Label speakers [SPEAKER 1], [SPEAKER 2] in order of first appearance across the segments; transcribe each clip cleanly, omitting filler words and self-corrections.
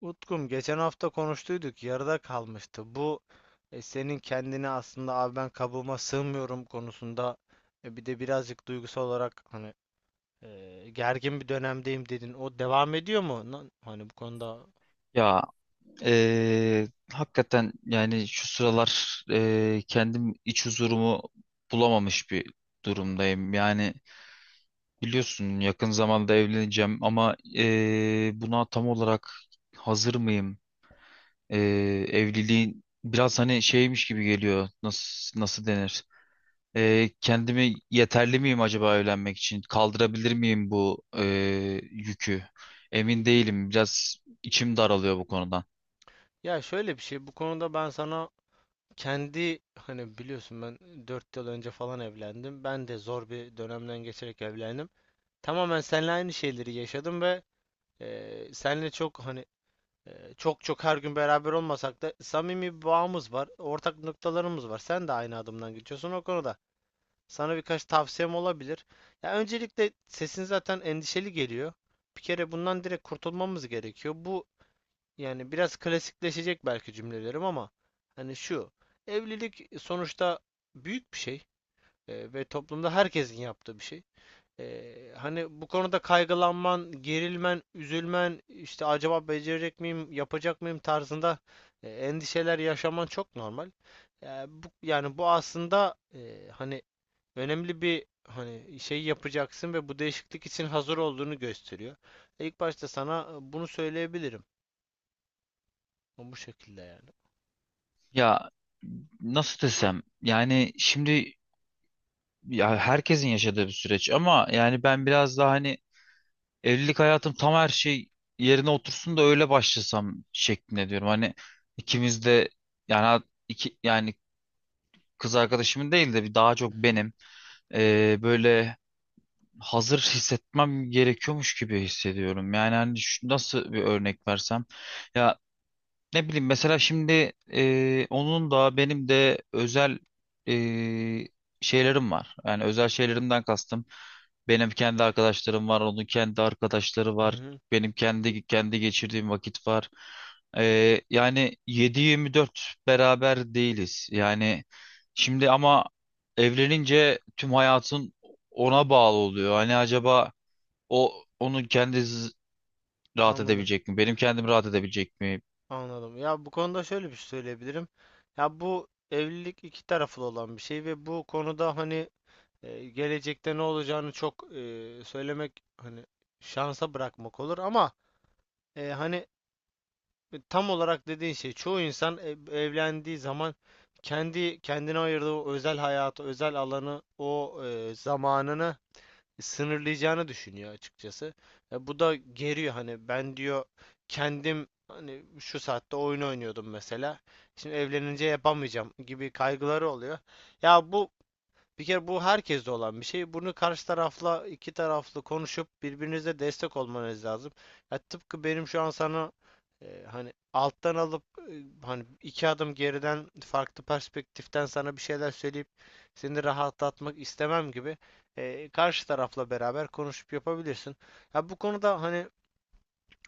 [SPEAKER 1] Utkum geçen hafta konuştuyduk yarıda kalmıştı. Bu senin kendini aslında abi ben kabuğuma sığmıyorum konusunda bir de birazcık duygusal olarak hani gergin bir dönemdeyim dedin. O devam ediyor mu? Hani bu konuda,
[SPEAKER 2] Ya hakikaten yani şu sıralar kendim iç huzurumu bulamamış bir durumdayım. Yani biliyorsun yakın zamanda evleneceğim ama buna tam olarak hazır mıyım? Eee, evliliğin biraz hani şeymiş gibi geliyor. Nasıl denir? Kendimi yeterli miyim acaba evlenmek için? Kaldırabilir miyim bu yükü? Emin değilim. Biraz içim daralıyor bu konudan.
[SPEAKER 1] ya şöyle bir şey, bu konuda ben sana kendi hani biliyorsun ben 4 yıl önce falan evlendim. Ben de zor bir dönemden geçerek evlendim. Tamamen seninle aynı şeyleri yaşadım ve seninle çok hani çok çok her gün beraber olmasak da samimi bir bağımız var. Ortak noktalarımız var. Sen de aynı adımdan geçiyorsun o konuda. Sana birkaç tavsiyem olabilir. Ya öncelikle sesin zaten endişeli geliyor. Bir kere bundan direkt kurtulmamız gerekiyor. Bu, yani biraz klasikleşecek belki cümlelerim ama hani şu, evlilik sonuçta büyük bir şey ve toplumda herkesin yaptığı bir şey. Hani bu konuda kaygılanman, gerilmen, üzülmen, işte acaba becerecek miyim, yapacak mıyım tarzında endişeler yaşaman çok normal. Yani bu aslında hani önemli bir hani şey yapacaksın ve bu değişiklik için hazır olduğunu gösteriyor. İlk başta sana bunu söyleyebilirim. Bu şekilde yani.
[SPEAKER 2] Ya nasıl desem yani şimdi ya herkesin yaşadığı bir süreç ama yani ben biraz daha hani evlilik hayatım tam her şey yerine otursun da öyle başlasam şeklinde diyorum. Hani ikimiz de yani iki yani kız arkadaşımın değil de bir daha çok
[SPEAKER 1] Hı hı,
[SPEAKER 2] benim böyle hazır hissetmem gerekiyormuş gibi hissediyorum. Yani hani nasıl bir örnek versem ya, ne bileyim mesela şimdi onun da benim de özel e, şeylerim var. Yani özel şeylerimden kastım. Benim kendi arkadaşlarım var, onun kendi arkadaşları
[SPEAKER 1] hı
[SPEAKER 2] var.
[SPEAKER 1] hı.
[SPEAKER 2] Benim kendi geçirdiğim vakit var. E, yani 7-24 beraber değiliz. Yani şimdi ama evlenince tüm hayatın ona bağlı oluyor. Hani acaba o onun kendi rahat
[SPEAKER 1] Anladım.
[SPEAKER 2] edebilecek mi? Benim kendim rahat edebilecek mi?
[SPEAKER 1] Anladım. Ya bu konuda şöyle bir şey söyleyebilirim. Ya bu evlilik iki taraflı olan bir şey ve bu konuda hani, gelecekte ne olacağını çok söylemek hani şansa bırakmak olur ama hani tam olarak dediğin şey, çoğu insan evlendiği zaman kendi kendine ayırdığı o özel hayatı, özel alanı, o zamanını sınırlayacağını düşünüyor açıkçası. Bu da geriyor, hani ben diyor kendim hani şu saatte oyun oynuyordum mesela. Şimdi evlenince yapamayacağım gibi kaygıları oluyor. Ya bir kere bu herkeste olan bir şey. Bunu karşı tarafla iki taraflı konuşup birbirinize destek olmanız lazım. Ya tıpkı benim şu an sana hani alttan alıp hani iki adım geriden farklı perspektiften sana bir şeyler söyleyip seni rahatlatmak istemem gibi karşı tarafla beraber konuşup yapabilirsin. Ya bu konuda hani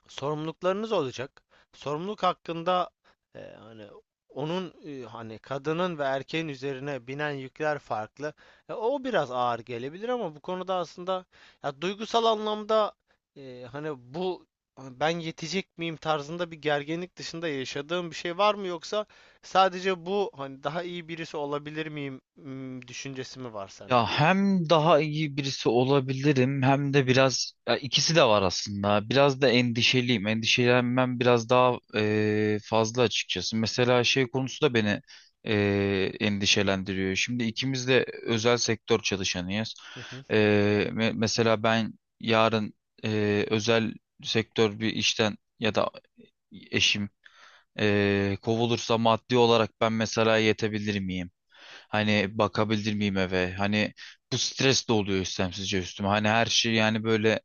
[SPEAKER 1] sorumluluklarınız olacak. Sorumluluk hakkında hani onun hani kadının ve erkeğin üzerine binen yükler farklı. O biraz ağır gelebilir ama bu konuda aslında ya duygusal anlamda e, hani bu hani ben yetecek miyim tarzında bir gerginlik dışında yaşadığım bir şey var mı, yoksa sadece bu hani daha iyi birisi olabilir miyim düşüncesi mi var sende?
[SPEAKER 2] Ya hem daha iyi birisi olabilirim hem de biraz ya ikisi de var aslında. Biraz da endişeliyim. Endişelenmem biraz daha fazla açıkçası. Mesela şey konusu da beni endişelendiriyor. Şimdi ikimiz de özel sektör çalışanıyız.
[SPEAKER 1] Hı hı.
[SPEAKER 2] Eee, mesela ben yarın özel sektör bir işten ya da eşim kovulursa maddi olarak ben mesela yetebilir miyim? Hani bakabilir miyim eve? Hani bu stres de oluyor istemsizce üstüme. Hani her şey yani böyle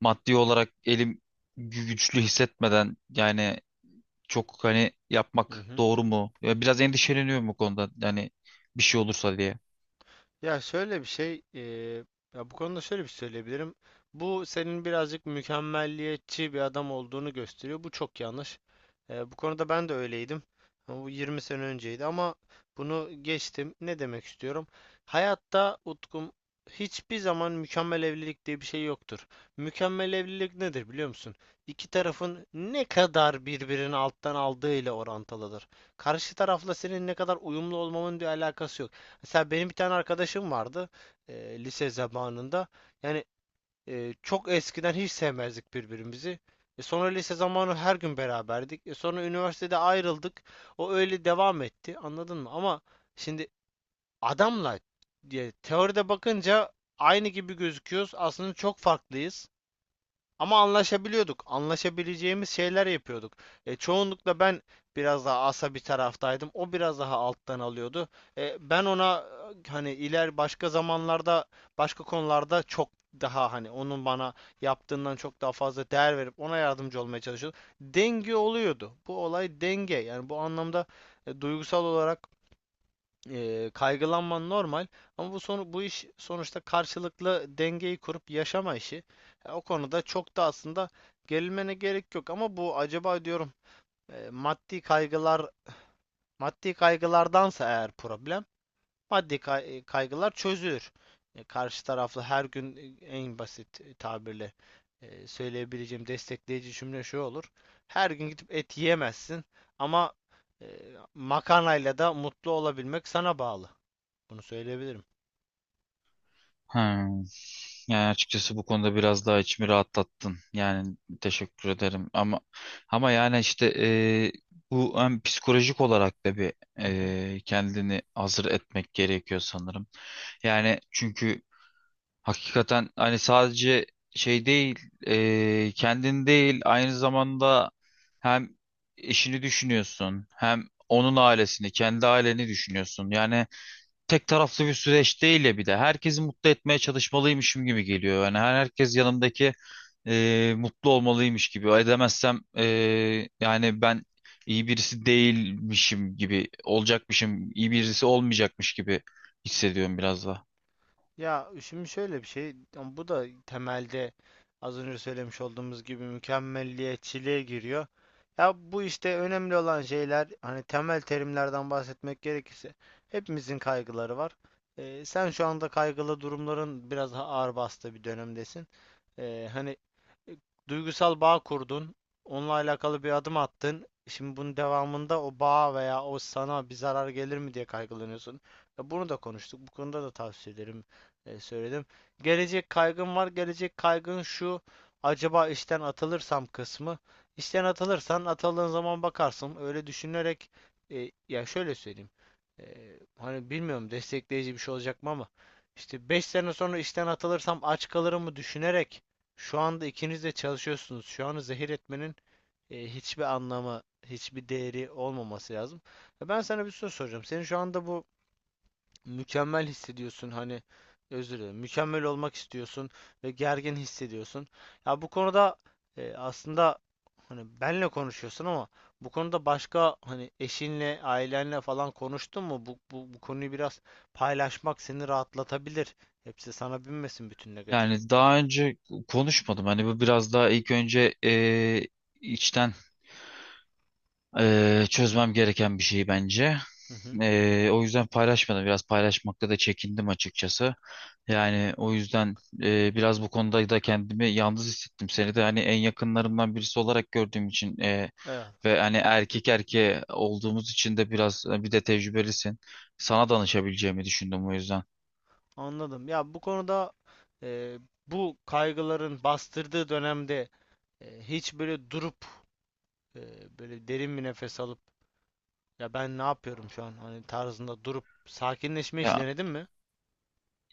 [SPEAKER 2] maddi olarak elim güçlü hissetmeden yani çok hani
[SPEAKER 1] Hı
[SPEAKER 2] yapmak
[SPEAKER 1] hı.
[SPEAKER 2] doğru mu? Ya biraz endişeleniyorum bu konuda. Yani bir şey olursa diye.
[SPEAKER 1] Ya şöyle bir şey, e, Ya bu konuda şöyle bir şey söyleyebilirim. Bu senin birazcık mükemmelliyetçi bir adam olduğunu gösteriyor. Bu çok yanlış. Bu konuda ben de öyleydim. Ama bu 20 sene önceydi ama bunu geçtim. Ne demek istiyorum? Hayatta Utkum hiçbir zaman mükemmel evlilik diye bir şey yoktur. Mükemmel evlilik nedir biliyor musun? İki tarafın ne kadar birbirini alttan aldığı ile orantılıdır. Karşı tarafla senin ne kadar uyumlu olmanın bir alakası. Mesela benim bir tane arkadaşım vardı lise zamanında. Yani çok eskiden hiç sevmezdik birbirimizi. Sonra lise zamanı her gün beraberdik. Sonra üniversitede ayrıldık. O öyle devam etti. Anladın mı? Ama şimdi adamla diye teoride bakınca aynı gibi gözüküyoruz. Aslında çok farklıyız. Ama anlaşabiliyorduk. Anlaşabileceğimiz şeyler yapıyorduk. Çoğunlukla ben biraz daha asa bir taraftaydım. O biraz daha alttan alıyordu. Ben ona hani iler başka zamanlarda başka konularda çok daha hani onun bana yaptığından çok daha fazla değer verip ona yardımcı olmaya çalışıyordum. Denge oluyordu. Bu olay denge. Yani bu anlamda duygusal olarak kaygılanman normal ama bu iş sonuçta karşılıklı dengeyi kurup yaşama işi. Ya o konuda çok da aslında gerilmene gerek yok ama bu acaba diyorum, maddi kaygılar, maddi kaygılardansa, eğer problem maddi kaygılar, çözülür. Karşı taraflı her gün en basit tabirle söyleyebileceğim destekleyici cümle şu olur. Her gün gidip et yiyemezsin ama e, makarnayla da mutlu olabilmek sana bağlı. Bunu söyleyebilirim.
[SPEAKER 2] Hmm. Yani açıkçası bu konuda biraz daha içimi rahatlattın. Yani teşekkür ederim. Ama yani işte bu hem psikolojik olarak da bir
[SPEAKER 1] Hı hı.
[SPEAKER 2] kendini hazır etmek gerekiyor sanırım. Yani çünkü hakikaten hani sadece şey değil, kendin değil aynı zamanda hem eşini düşünüyorsun, hem onun ailesini, kendi aileni düşünüyorsun. Yani tek taraflı bir süreç değil ya bir de. Herkesi mutlu etmeye çalışmalıymışım gibi geliyor. Yani herkes yanımdaki mutlu olmalıymış gibi. Edemezsem yani ben iyi birisi değilmişim gibi olacakmışım, iyi birisi olmayacakmış gibi hissediyorum biraz da.
[SPEAKER 1] Ya şimdi şöyle bir şey, ama bu da temelde az önce söylemiş olduğumuz gibi mükemmelliyetçiliğe giriyor. Ya bu işte önemli olan şeyler, hani temel terimlerden bahsetmek gerekirse, hepimizin kaygıları var. Sen şu anda kaygılı durumların biraz daha ağır bastığı bir dönemdesin. Ee, hani e, Duygusal bağ kurdun, onunla alakalı bir adım attın. Şimdi bunun devamında o bağ veya o sana bir zarar gelir mi diye kaygılanıyorsun. Ya bunu da konuştuk. Bu konuda da tavsiye ederim, söyledim. Gelecek kaygım var. Gelecek kaygın şu. Acaba işten atılırsam kısmı. İşten atılırsan, atıldığın zaman bakarsın. Öyle düşünerek, ya şöyle söyleyeyim. E, Hani bilmiyorum destekleyici bir şey olacak mı ama işte 5 sene sonra işten atılırsam aç kalırım mı düşünerek, şu anda ikiniz de çalışıyorsunuz. Şu anı zehir etmenin hiçbir anlamı, hiçbir değeri olmaması lazım. Ben sana bir soru soracağım. Senin şu anda bu mükemmel hissediyorsun, hani özür dilerim mükemmel olmak istiyorsun ve gergin hissediyorsun. Ya bu konuda aslında hani benle konuşuyorsun ama bu konuda başka hani eşinle, ailenle falan konuştun mu? Bu konuyu biraz paylaşmak seni rahatlatabilir. Hepsi sana binmesin bütün
[SPEAKER 2] Yani
[SPEAKER 1] negatiflikler.
[SPEAKER 2] daha önce konuşmadım. Hani bu biraz daha ilk önce içten çözmem gereken bir şey bence.
[SPEAKER 1] Hı hı.
[SPEAKER 2] O yüzden paylaşmadım. Biraz paylaşmakta da çekindim açıkçası. Yani o yüzden biraz bu konuda da kendimi yalnız hissettim. Seni de hani en yakınlarımdan birisi olarak gördüğüm için
[SPEAKER 1] Evet,
[SPEAKER 2] ve hani erkek erkeğe olduğumuz için de biraz bir de tecrübelisin. Sana danışabileceğimi düşündüm o yüzden.
[SPEAKER 1] anladım. Ya bu konuda e, bu kaygıların bastırdığı dönemde hiç böyle durup e, böyle derin bir nefes alıp, ya ben ne yapıyorum şu an, hani tarzında durup sakinleşme hiç
[SPEAKER 2] Ya
[SPEAKER 1] denedin mi?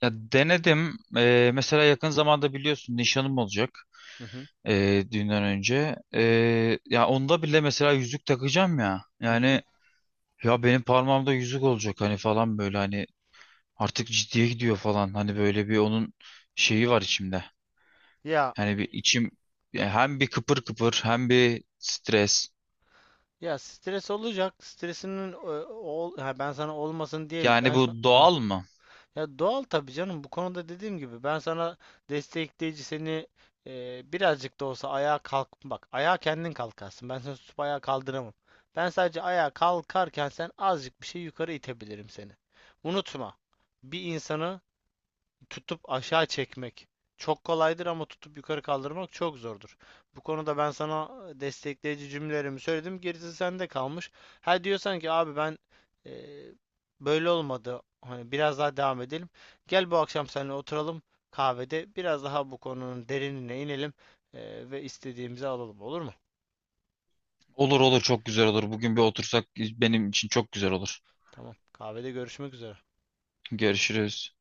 [SPEAKER 2] Ya denedim. Mesela yakın zamanda biliyorsun nişanım olacak,
[SPEAKER 1] Hı hı.
[SPEAKER 2] düğünden önce. Ya onda bile mesela yüzük takacağım ya.
[SPEAKER 1] Hı
[SPEAKER 2] Yani
[SPEAKER 1] hı.
[SPEAKER 2] ya benim parmağımda yüzük olacak hani falan böyle hani artık ciddiye gidiyor falan. Hani böyle bir onun şeyi var içimde.
[SPEAKER 1] Ya
[SPEAKER 2] Yani bir içim ya hem bir kıpır kıpır hem bir stres.
[SPEAKER 1] ya stres olacak. Stresinin ben sana olmasın diye mi?
[SPEAKER 2] Yani
[SPEAKER 1] Ben şu.
[SPEAKER 2] bu
[SPEAKER 1] Hı.
[SPEAKER 2] doğal mı?
[SPEAKER 1] Ya doğal tabii canım. Bu konuda dediğim gibi ben sana destekleyici, seni birazcık da olsa ayağa kalk bak. Ayağa kendin kalkarsın. Ben seni tutup ayağa kaldıramam. Ben sadece ayağa kalkarken sen azıcık bir şey yukarı itebilirim seni. Unutma. Bir insanı tutup aşağı çekmek çok kolaydır ama tutup yukarı kaldırmak çok zordur. Bu konuda ben sana destekleyici cümlelerimi söyledim. Gerisi sende kalmış. Ha diyorsan ki abi ben e, böyle olmadı, hani biraz daha devam edelim, gel bu akşam seninle oturalım kahvede. Biraz daha bu konunun derinine inelim ve istediğimizi alalım. Olur mu?
[SPEAKER 2] Olur olur, çok güzel olur. Bugün bir otursak benim için çok güzel olur.
[SPEAKER 1] Tamam. Kahvede görüşmek üzere.
[SPEAKER 2] Görüşürüz.